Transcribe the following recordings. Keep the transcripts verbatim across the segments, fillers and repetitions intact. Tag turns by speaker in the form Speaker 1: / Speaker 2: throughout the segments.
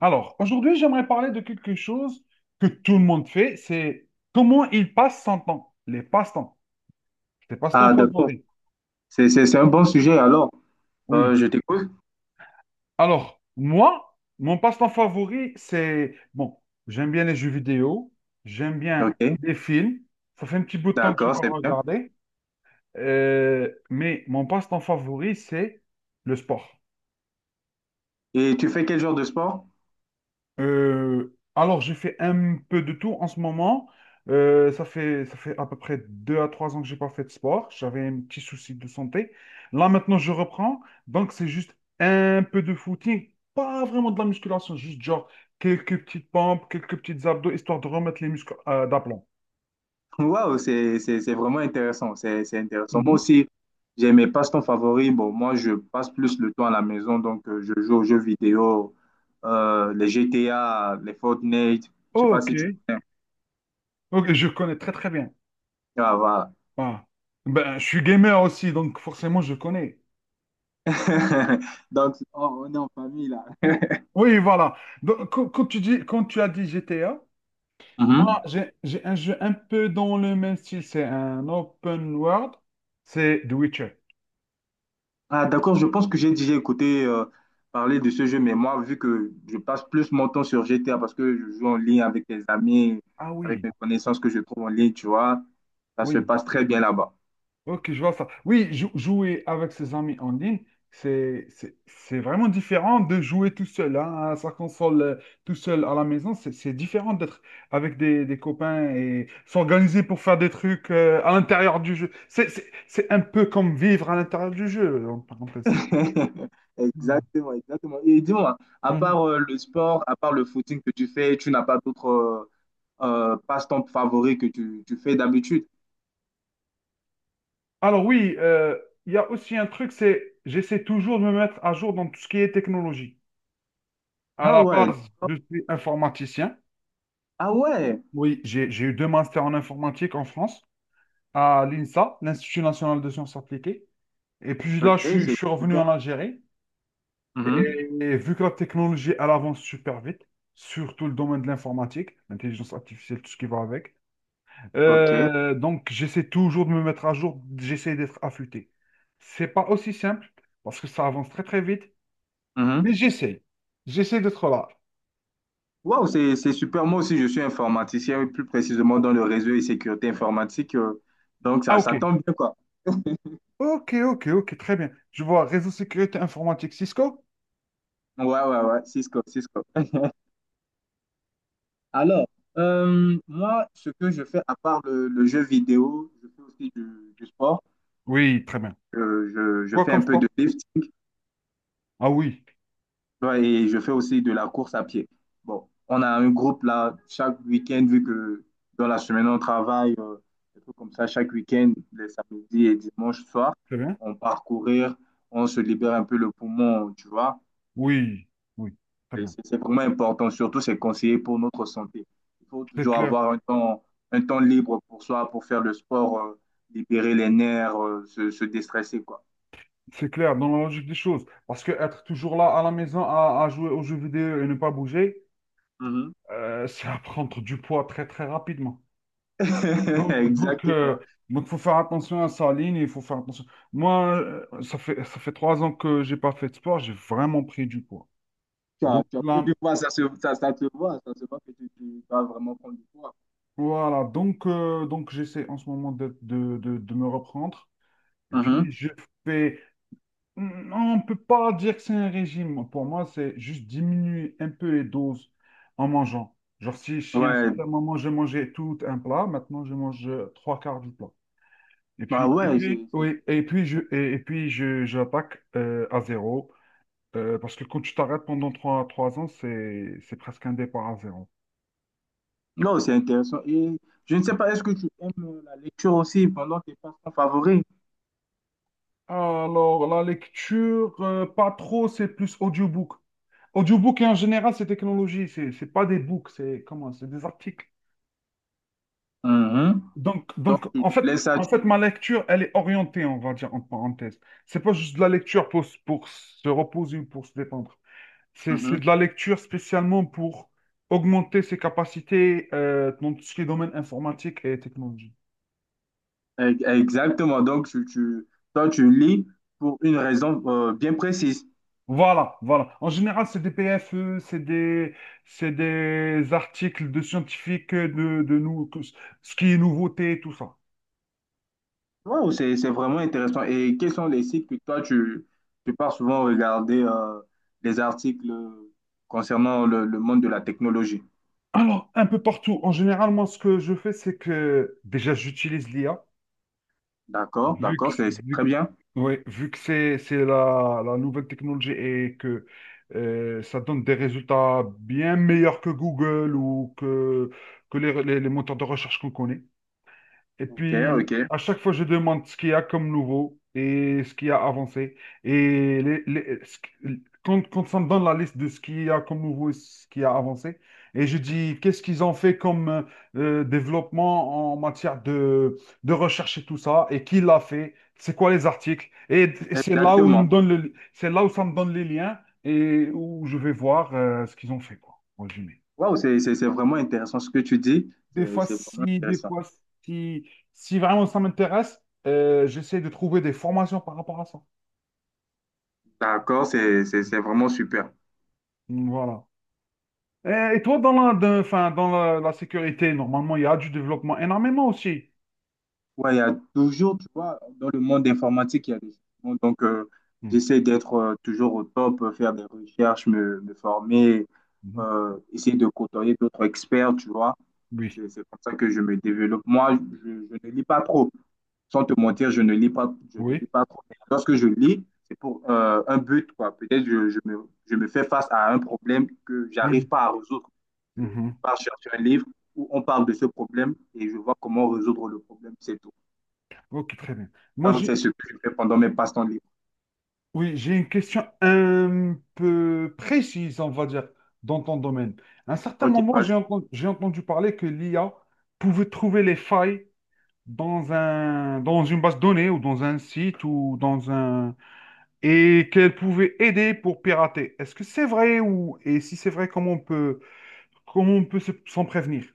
Speaker 1: Alors, aujourd'hui, j'aimerais parler de quelque chose que tout le monde fait, c'est comment il passe son temps, les passe-temps, tes passe-temps
Speaker 2: Ah, d'accord.
Speaker 1: favoris.
Speaker 2: C'est, c'est, c'est un bon sujet alors. Euh,
Speaker 1: Oui.
Speaker 2: je t'écoute.
Speaker 1: Alors, moi, mon passe-temps favori, c'est, bon, j'aime bien les jeux vidéo, j'aime bien
Speaker 2: Ok,
Speaker 1: les films, ça fait un petit bout de temps que je n'ai
Speaker 2: d'accord,
Speaker 1: pas
Speaker 2: c'est bien.
Speaker 1: regardé. Euh, mais mon passe-temps favori, c'est le sport.
Speaker 2: Et tu fais quel genre de sport?
Speaker 1: Euh, alors, j'ai fait un peu de tout en ce moment. Euh, ça fait, ça fait à peu près deux à trois ans que j'ai pas fait de sport. J'avais un petit souci de santé. Là, maintenant, je reprends. Donc, c'est juste un peu de footing, pas vraiment de la musculation, juste genre quelques petites pompes, quelques petites abdos, histoire de remettre les muscles euh, d'aplomb.
Speaker 2: Waouh, c'est, c'est, c'est vraiment intéressant. C'est, c'est intéressant. Moi
Speaker 1: Mhm.
Speaker 2: aussi, j'ai mes passe-temps favoris. Bon, moi, je passe plus le temps à la maison. Donc, euh, je joue aux jeux vidéo, euh, les G T A, les Fortnite. Je sais pas
Speaker 1: Ok,
Speaker 2: si tu connais.
Speaker 1: ok, je connais très très bien.
Speaker 2: Ah, voilà.
Speaker 1: Ah. Ben, je suis gamer aussi, donc forcément, je connais.
Speaker 2: Donc, on on est en famille là.
Speaker 1: Oui, voilà. Donc, quand quand tu dis, quand tu as dit G T A, moi,
Speaker 2: Mhm.
Speaker 1: j'ai j'ai un jeu un peu dans le même style. C'est un open world. C'est The Witcher.
Speaker 2: Ah, d'accord, je pense que j'ai déjà écouté euh, parler de ce jeu, mais moi, vu que je passe plus mon temps sur G T A parce que je joue en ligne avec des amis,
Speaker 1: Ah
Speaker 2: avec
Speaker 1: oui,
Speaker 2: mes connaissances que je trouve en ligne, tu vois, ça se
Speaker 1: oui.
Speaker 2: passe très bien là-bas.
Speaker 1: Ok, je vois ça. Oui, jou- jouer avec ses amis en ligne, c'est c'est c'est vraiment différent de jouer tout seul hein, à sa console, euh, tout seul à la maison. C'est c'est différent d'être avec des, des copains et s'organiser pour faire des trucs euh, à l'intérieur du jeu. C'est c'est- c'est un peu comme vivre à l'intérieur du jeu, en parenthèse.
Speaker 2: Exactement, exactement. Et dis-moi, à
Speaker 1: Mhm.
Speaker 2: part euh, le sport, à part le footing que tu fais, tu n'as pas d'autres euh, euh, passe-temps favoris que tu, tu fais d'habitude?
Speaker 1: Alors oui, euh, il y a aussi un truc, c'est j'essaie toujours de me mettre à jour dans tout ce qui est technologie. À
Speaker 2: Ah
Speaker 1: la
Speaker 2: ouais,
Speaker 1: base,
Speaker 2: d'accord.
Speaker 1: je suis informaticien.
Speaker 2: Ah ouais,
Speaker 1: Oui, j'ai, j'ai eu deux masters en informatique en France, à l'I N S A, l'Institut national de sciences appliquées. Et puis
Speaker 2: ok,
Speaker 1: là, je suis, je
Speaker 2: c'est
Speaker 1: suis revenu en
Speaker 2: super.
Speaker 1: Algérie.
Speaker 2: Mhm.
Speaker 1: Et, et vu que la technologie, elle avance super vite, surtout le domaine de l'informatique, l'intelligence artificielle, tout ce qui va avec.
Speaker 2: Ok.
Speaker 1: Euh, donc, j'essaie toujours de me mettre à jour, j'essaie d'être affûté. C'est pas aussi simple parce que ça avance très très vite. Mais
Speaker 2: Mhm.
Speaker 1: j'essaie. J'essaie d'être là.
Speaker 2: Waouh, c'est, c'est super. Moi aussi, je suis informaticien, oui, plus précisément
Speaker 1: Ok.
Speaker 2: dans le réseau et sécurité informatique. euh, donc,
Speaker 1: Ah,
Speaker 2: ça,
Speaker 1: ok.
Speaker 2: ça tombe bien, quoi.
Speaker 1: Ok, ok, ok, très bien. Je vois réseau sécurité informatique Cisco?
Speaker 2: Ouais, ouais, ouais, Cisco, Cisco. Alors, euh, moi, ce que je fais, à part le, le jeu vidéo, je fais aussi du, du sport.
Speaker 1: Oui, très bien.
Speaker 2: Euh, je, je
Speaker 1: Quoi
Speaker 2: fais un
Speaker 1: comme
Speaker 2: peu de
Speaker 1: sport?
Speaker 2: lifting.
Speaker 1: Ah oui,
Speaker 2: Ouais, et je fais aussi de la course à pied. Bon, on a un groupe là, chaque week-end, vu que dans la semaine on travaille, euh, des trucs comme ça, chaque week-end, les samedis et dimanches soir,
Speaker 1: très bien.
Speaker 2: on part courir, on se libère un peu le poumon, tu vois.
Speaker 1: Oui, oui, très
Speaker 2: Et
Speaker 1: bien.
Speaker 2: C'est c'est vraiment important, surtout c'est conseillé pour notre santé. Il faut
Speaker 1: C'est
Speaker 2: toujours
Speaker 1: clair,
Speaker 2: avoir un temps, un temps libre pour soi, pour faire le sport, euh, libérer les nerfs, euh, se, se déstresser, quoi.
Speaker 1: c'est clair dans la logique des choses. Parce que être toujours là à la maison à, à jouer aux jeux vidéo et ne pas bouger,
Speaker 2: Mhm.
Speaker 1: euh, c'est à prendre du poids très, très rapidement. Donc, donc, euh,
Speaker 2: Exactement.
Speaker 1: donc, faut faire attention à sa ligne, il faut faire attention. Moi, euh, ça fait, ça fait trois ans que j'ai pas fait de sport, j'ai vraiment pris du poids.
Speaker 2: tu as,
Speaker 1: Donc
Speaker 2: tu as pris
Speaker 1: là,
Speaker 2: du poids, ça se, ça, ça te voit, ça se voit que tu, tu vas vraiment prendre du poids.
Speaker 1: voilà, donc, euh, donc j'essaie en ce moment de, de, de, de me reprendre. Et puis
Speaker 2: Mhm.
Speaker 1: je fais... Non, on ne peut pas dire que c'est un régime. Pour moi, c'est juste diminuer un peu les doses en mangeant. Genre si, si à un
Speaker 2: Ouais,
Speaker 1: certain moment, je mangeais tout un plat, maintenant je mange euh, trois quarts du plat. Et
Speaker 2: bah
Speaker 1: puis, et
Speaker 2: ouais,
Speaker 1: puis,
Speaker 2: c'est, c'est-
Speaker 1: oui, et puis je, et, et puis je, j'attaque euh, à zéro. Euh, parce que quand tu t'arrêtes pendant trois, trois ans, c'est, c'est presque un départ à zéro.
Speaker 2: non, c'est intéressant. Et je ne sais pas, est-ce que tu aimes la lecture aussi pendant tes passe-temps favoris?
Speaker 1: Alors, la lecture, euh, pas trop, c'est plus audiobook. Audiobook et en général, ces technologies, c'est c'est pas des books, c'est comment, c'est des articles.
Speaker 2: Mhm.
Speaker 1: Donc,
Speaker 2: Donc,
Speaker 1: donc
Speaker 2: tu
Speaker 1: en
Speaker 2: tu
Speaker 1: fait,
Speaker 2: laisses ça,
Speaker 1: en fait,
Speaker 2: tu...
Speaker 1: ma lecture, elle est orientée, on va dire, en parenthèse. C'est pas juste de la lecture pour, s- pour se reposer ou pour se détendre. C'est c'est
Speaker 2: Mhm.
Speaker 1: de la lecture spécialement pour augmenter ses capacités euh, dans tout ce qui est domaine informatique et technologie.
Speaker 2: E- Exactement. Donc, tu, tu, toi, tu lis pour une raison euh, bien précise.
Speaker 1: Voilà, voilà. En général, c'est des P F E, c'est des, c'est des articles de scientifiques, euh, de, de nous, que- ce qui est nouveauté, tout ça.
Speaker 2: Wow, c'est, c'est vraiment intéressant. Et quels sont les sites que toi, tu, tu pars souvent regarder euh, les articles concernant le, le monde de la technologie?
Speaker 1: Alors, un peu partout. En général, moi, ce que je fais, c'est que déjà, j'utilise l'I A,
Speaker 2: D'accord,
Speaker 1: vu que,
Speaker 2: d'accord, c'est c'est très
Speaker 1: vu,
Speaker 2: bien.
Speaker 1: ouais, vu que c'est, c'est la, la nouvelle technologie et que euh, ça donne des résultats bien meilleurs que Google ou que, que les, les les moteurs de recherche qu'on connaît. Et
Speaker 2: Ok,
Speaker 1: puis,
Speaker 2: ok.
Speaker 1: à chaque fois, je demande ce qu'il y a comme nouveau et ce qui a avancé. Et les- les- ce qui- quand, quand ça me donne la liste de ce qu'il y a comme nouveau et ce qui a avancé, et je dis qu'est-ce qu'ils ont fait comme euh, euh, développement en matière de, de recherche et tout ça, et qui l'a fait, c'est quoi les articles. Et, et c'est là où ils me
Speaker 2: Exactement.
Speaker 1: donnent le, c'est là où ça me donne les liens et où je vais voir euh, ce qu'ils ont fait, quoi, en résumé.
Speaker 2: Waouh, c'est c'est- c'est vraiment intéressant ce que tu dis.
Speaker 1: Des
Speaker 2: C'est
Speaker 1: fois,
Speaker 2: c'est vraiment
Speaker 1: si, des
Speaker 2: intéressant.
Speaker 1: fois, si, si vraiment ça m'intéresse, euh, j'essaie de trouver des formations par rapport à ça.
Speaker 2: D'accord, c'est c'est- c'est vraiment super.
Speaker 1: Voilà. Et, et toi, dans la, de- enfin, dans la, la sécurité, normalement, il y a du développement énormément aussi.
Speaker 2: Ouais, il y a toujours, tu vois, dans le monde informatique, il y a des changements. Donc, euh,
Speaker 1: Hmm,
Speaker 2: j'essaie d'être euh, toujours au top, euh, faire des recherches, me, me former,
Speaker 1: mhm.
Speaker 2: euh, essayer de côtoyer d'autres experts, tu vois.
Speaker 1: Oui,
Speaker 2: C'est c'est comme ça que je me développe. Moi, je, je ne lis pas trop. Sans te mentir, je ne lis pas, je ne lis
Speaker 1: oui.
Speaker 2: pas trop. Mais Lorsque je lis, c'est pour euh, un but, quoi. Peut-être je, je me, je me fais face à un problème que j'arrive
Speaker 1: Mhm,
Speaker 2: pas à résoudre. Je, je
Speaker 1: mhm.
Speaker 2: pars chercher un livre où on parle de ce problème et je vois comment résoudre le problème, c'est tout.
Speaker 1: Ok, très bien. Moi,
Speaker 2: Donc,
Speaker 1: j'ai,
Speaker 2: c'est ce que je fais pendant mes passe-temps libres.
Speaker 1: oui, j'ai une question un peu précise, on va dire, dans ton domaine. À un certain
Speaker 2: Ok,
Speaker 1: moment, j'ai
Speaker 2: vas-y.
Speaker 1: entendu, j'ai entendu parler que l'I A pouvait trouver les failles dans un, dans une base de données ou dans un site ou dans un... et qu'elle pouvait aider pour pirater. Est-ce que c'est vrai ou... Et si c'est vrai, comment on peut, comment on peut se- s'en prévenir?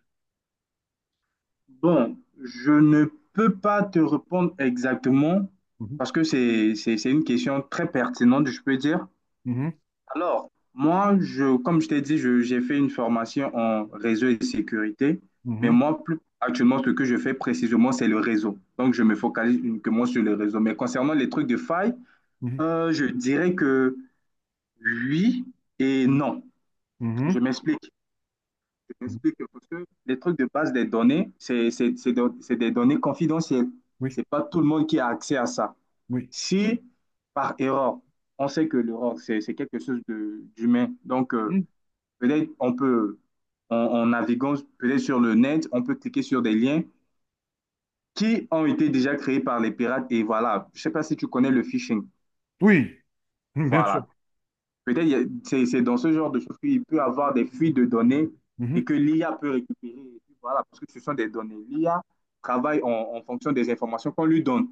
Speaker 2: Bon, je ne peux pas te répondre exactement
Speaker 1: Mhm,
Speaker 2: parce que c'est, c'est, c'est une question très pertinente, je peux dire.
Speaker 1: mhm,
Speaker 2: Alors, moi, je, comme je t'ai dit, je- j'ai fait une formation en réseau et sécurité, mais
Speaker 1: mhm,
Speaker 2: moi, plus actuellement, ce que je fais précisément, c'est le réseau. Donc, je me focalise uniquement sur le réseau. Mais concernant les trucs de faille,
Speaker 1: mhm,
Speaker 2: euh, je dirais que oui et non.
Speaker 1: mhm,
Speaker 2: Je m'explique. Je
Speaker 1: mhm.
Speaker 2: m'explique parce que les trucs de base des données, c'est c'est- c'est do- c'est des données confidentielles.
Speaker 1: Oui,
Speaker 2: C'est pas tout le monde qui a accès à ça.
Speaker 1: oui.
Speaker 2: Si, par erreur, on sait que l'erreur, c'est c'est quelque chose de- d'humain. Donc, euh,
Speaker 1: Mhm.
Speaker 2: Peut-être on peut, en, en naviguant peut-être sur le net, on peut cliquer sur des liens qui ont été déjà créés par les pirates. Et voilà, je ne sais pas si tu connais le phishing.
Speaker 1: Oui, mhm, bien sûr.
Speaker 2: Voilà. Peut-être c'est c'est dans ce genre de choses qu'il peut y avoir des fuites de données
Speaker 1: Mhm.
Speaker 2: et que l'I A peut récupérer. Voilà, parce que ce sont des données. L'I A travaille en, en fonction des informations qu'on lui donne.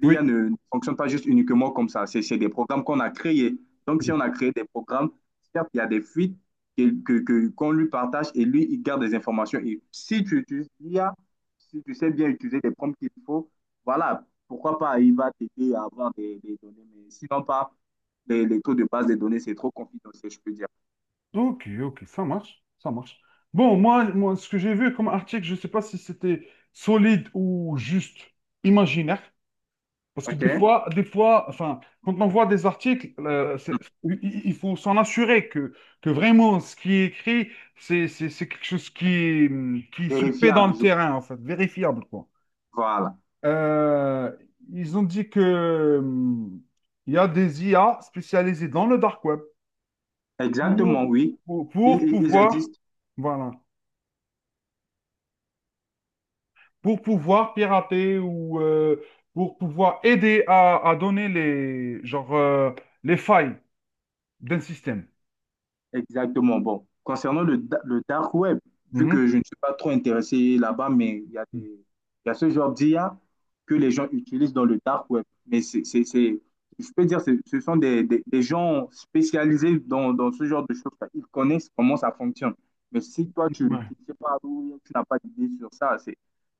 Speaker 2: L'I A
Speaker 1: Oui,
Speaker 2: ne, ne fonctionne pas juste uniquement comme ça. C'est des programmes qu'on a créés. Donc, si on
Speaker 1: oui.
Speaker 2: a créé des programmes, certes, il y a des fuites que, que- que- qu'on lui partage et lui, il garde des informations. Et si tu utilises l'I A, si tu sais bien utiliser les prompts qu'il faut, voilà, pourquoi pas, il va t'aider à avoir des, des données. Mais sinon, pas les, les taux de base des données, c'est trop confidentiel, je peux dire.
Speaker 1: Ok, ok, ça marche, ça marche. Bon, moi, moi, ce que j'ai vu comme article, je ne sais pas si c'était solide ou juste imaginaire. Parce que des
Speaker 2: OK?
Speaker 1: fois, des fois, enfin, quand on voit des articles, euh, c'est- il il faut s'en assurer que, que vraiment ce qui est écrit, c'est c'est- c'est quelque chose qui, hum, qui se fait dans
Speaker 2: Vérifiable,
Speaker 1: le
Speaker 2: je-
Speaker 1: terrain, en fait, vérifiable, quoi.
Speaker 2: voilà.
Speaker 1: Euh, ils ont dit que, hum, il y a des I A spécialisées dans le dark web pour,
Speaker 2: Exactement, oui.
Speaker 1: pour, pour
Speaker 2: ils- ils
Speaker 1: pouvoir,
Speaker 2: existent.
Speaker 1: voilà, pour pouvoir pirater ou euh, pour pouvoir aider à, à donner les, genre, euh, les failles d'un système.
Speaker 2: Exactement. Bon, concernant le, da- le dark web, vu
Speaker 1: Mhm.
Speaker 2: que je ne suis pas trop intéressé là-bas, mais il y a des, il y a ce genre d'I A que les gens utilisent dans le dark web. Mais c'est, c'est, c'est- je peux dire, c'est- ce sont des, des- des gens spécialisés dans, dans ce genre de choses. Ils connaissent comment ça fonctionne. Mais si toi, tu,
Speaker 1: Ouais.
Speaker 2: tu ne sais pas où, tu n'as pas d'idée sur ça, c'est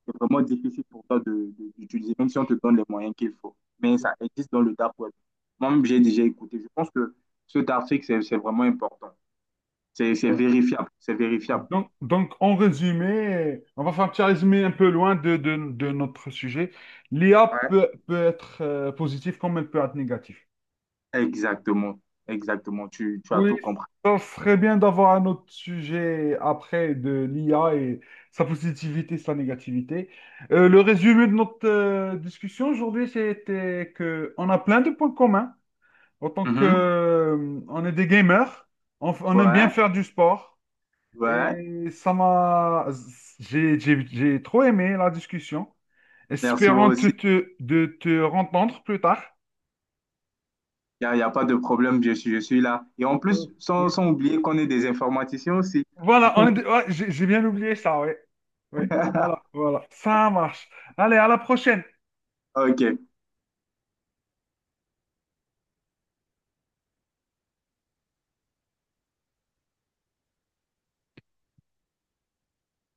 Speaker 2: c'est vraiment difficile pour toi de, de- d'utiliser, même si on te donne les moyens qu'il faut. Mais ça existe dans le dark web. Moi-même, j'ai déjà écouté. Je pense que cet article, c'est c'est vraiment important. C'est c'est
Speaker 1: Ouais.
Speaker 2: vérifiable, c'est vérifiable.
Speaker 1: Donc, donc, en résumé, on va faire un petit résumé un peu loin de, de, de notre sujet. L'I A
Speaker 2: Ouais.
Speaker 1: peut, peut être euh, positive comme elle peut être négative.
Speaker 2: Exactement, exactement. Tu, tu as
Speaker 1: Oui,
Speaker 2: tout compris.
Speaker 1: ça serait bien d'avoir un autre sujet après de l'I A et sa positivité, sa négativité. Euh, le résumé de notre euh, discussion aujourd'hui, c'était que on a plein de points communs. En tant que,
Speaker 2: Mhm.
Speaker 1: euh, on est des gamers, on, f- on aime bien
Speaker 2: Ouais,
Speaker 1: faire du sport.
Speaker 2: ouais.
Speaker 1: Et ça m'a, j'ai, j'ai- j'ai trop aimé la discussion.
Speaker 2: Merci, moi
Speaker 1: Espérant te,
Speaker 2: aussi.
Speaker 1: te- de te rencontrer plus tard.
Speaker 2: Il n'y a, y a pas de problème, je suis, je suis là. Et en
Speaker 1: Mm.
Speaker 2: plus, sans,
Speaker 1: Oui.
Speaker 2: sans oublier qu'on est des informaticiens aussi.
Speaker 1: Voilà, on est- ouais, j'ai j'ai bien oublié ça, oui. Oui, voilà, voilà. Ça marche. Allez, à la prochaine.
Speaker 2: OK.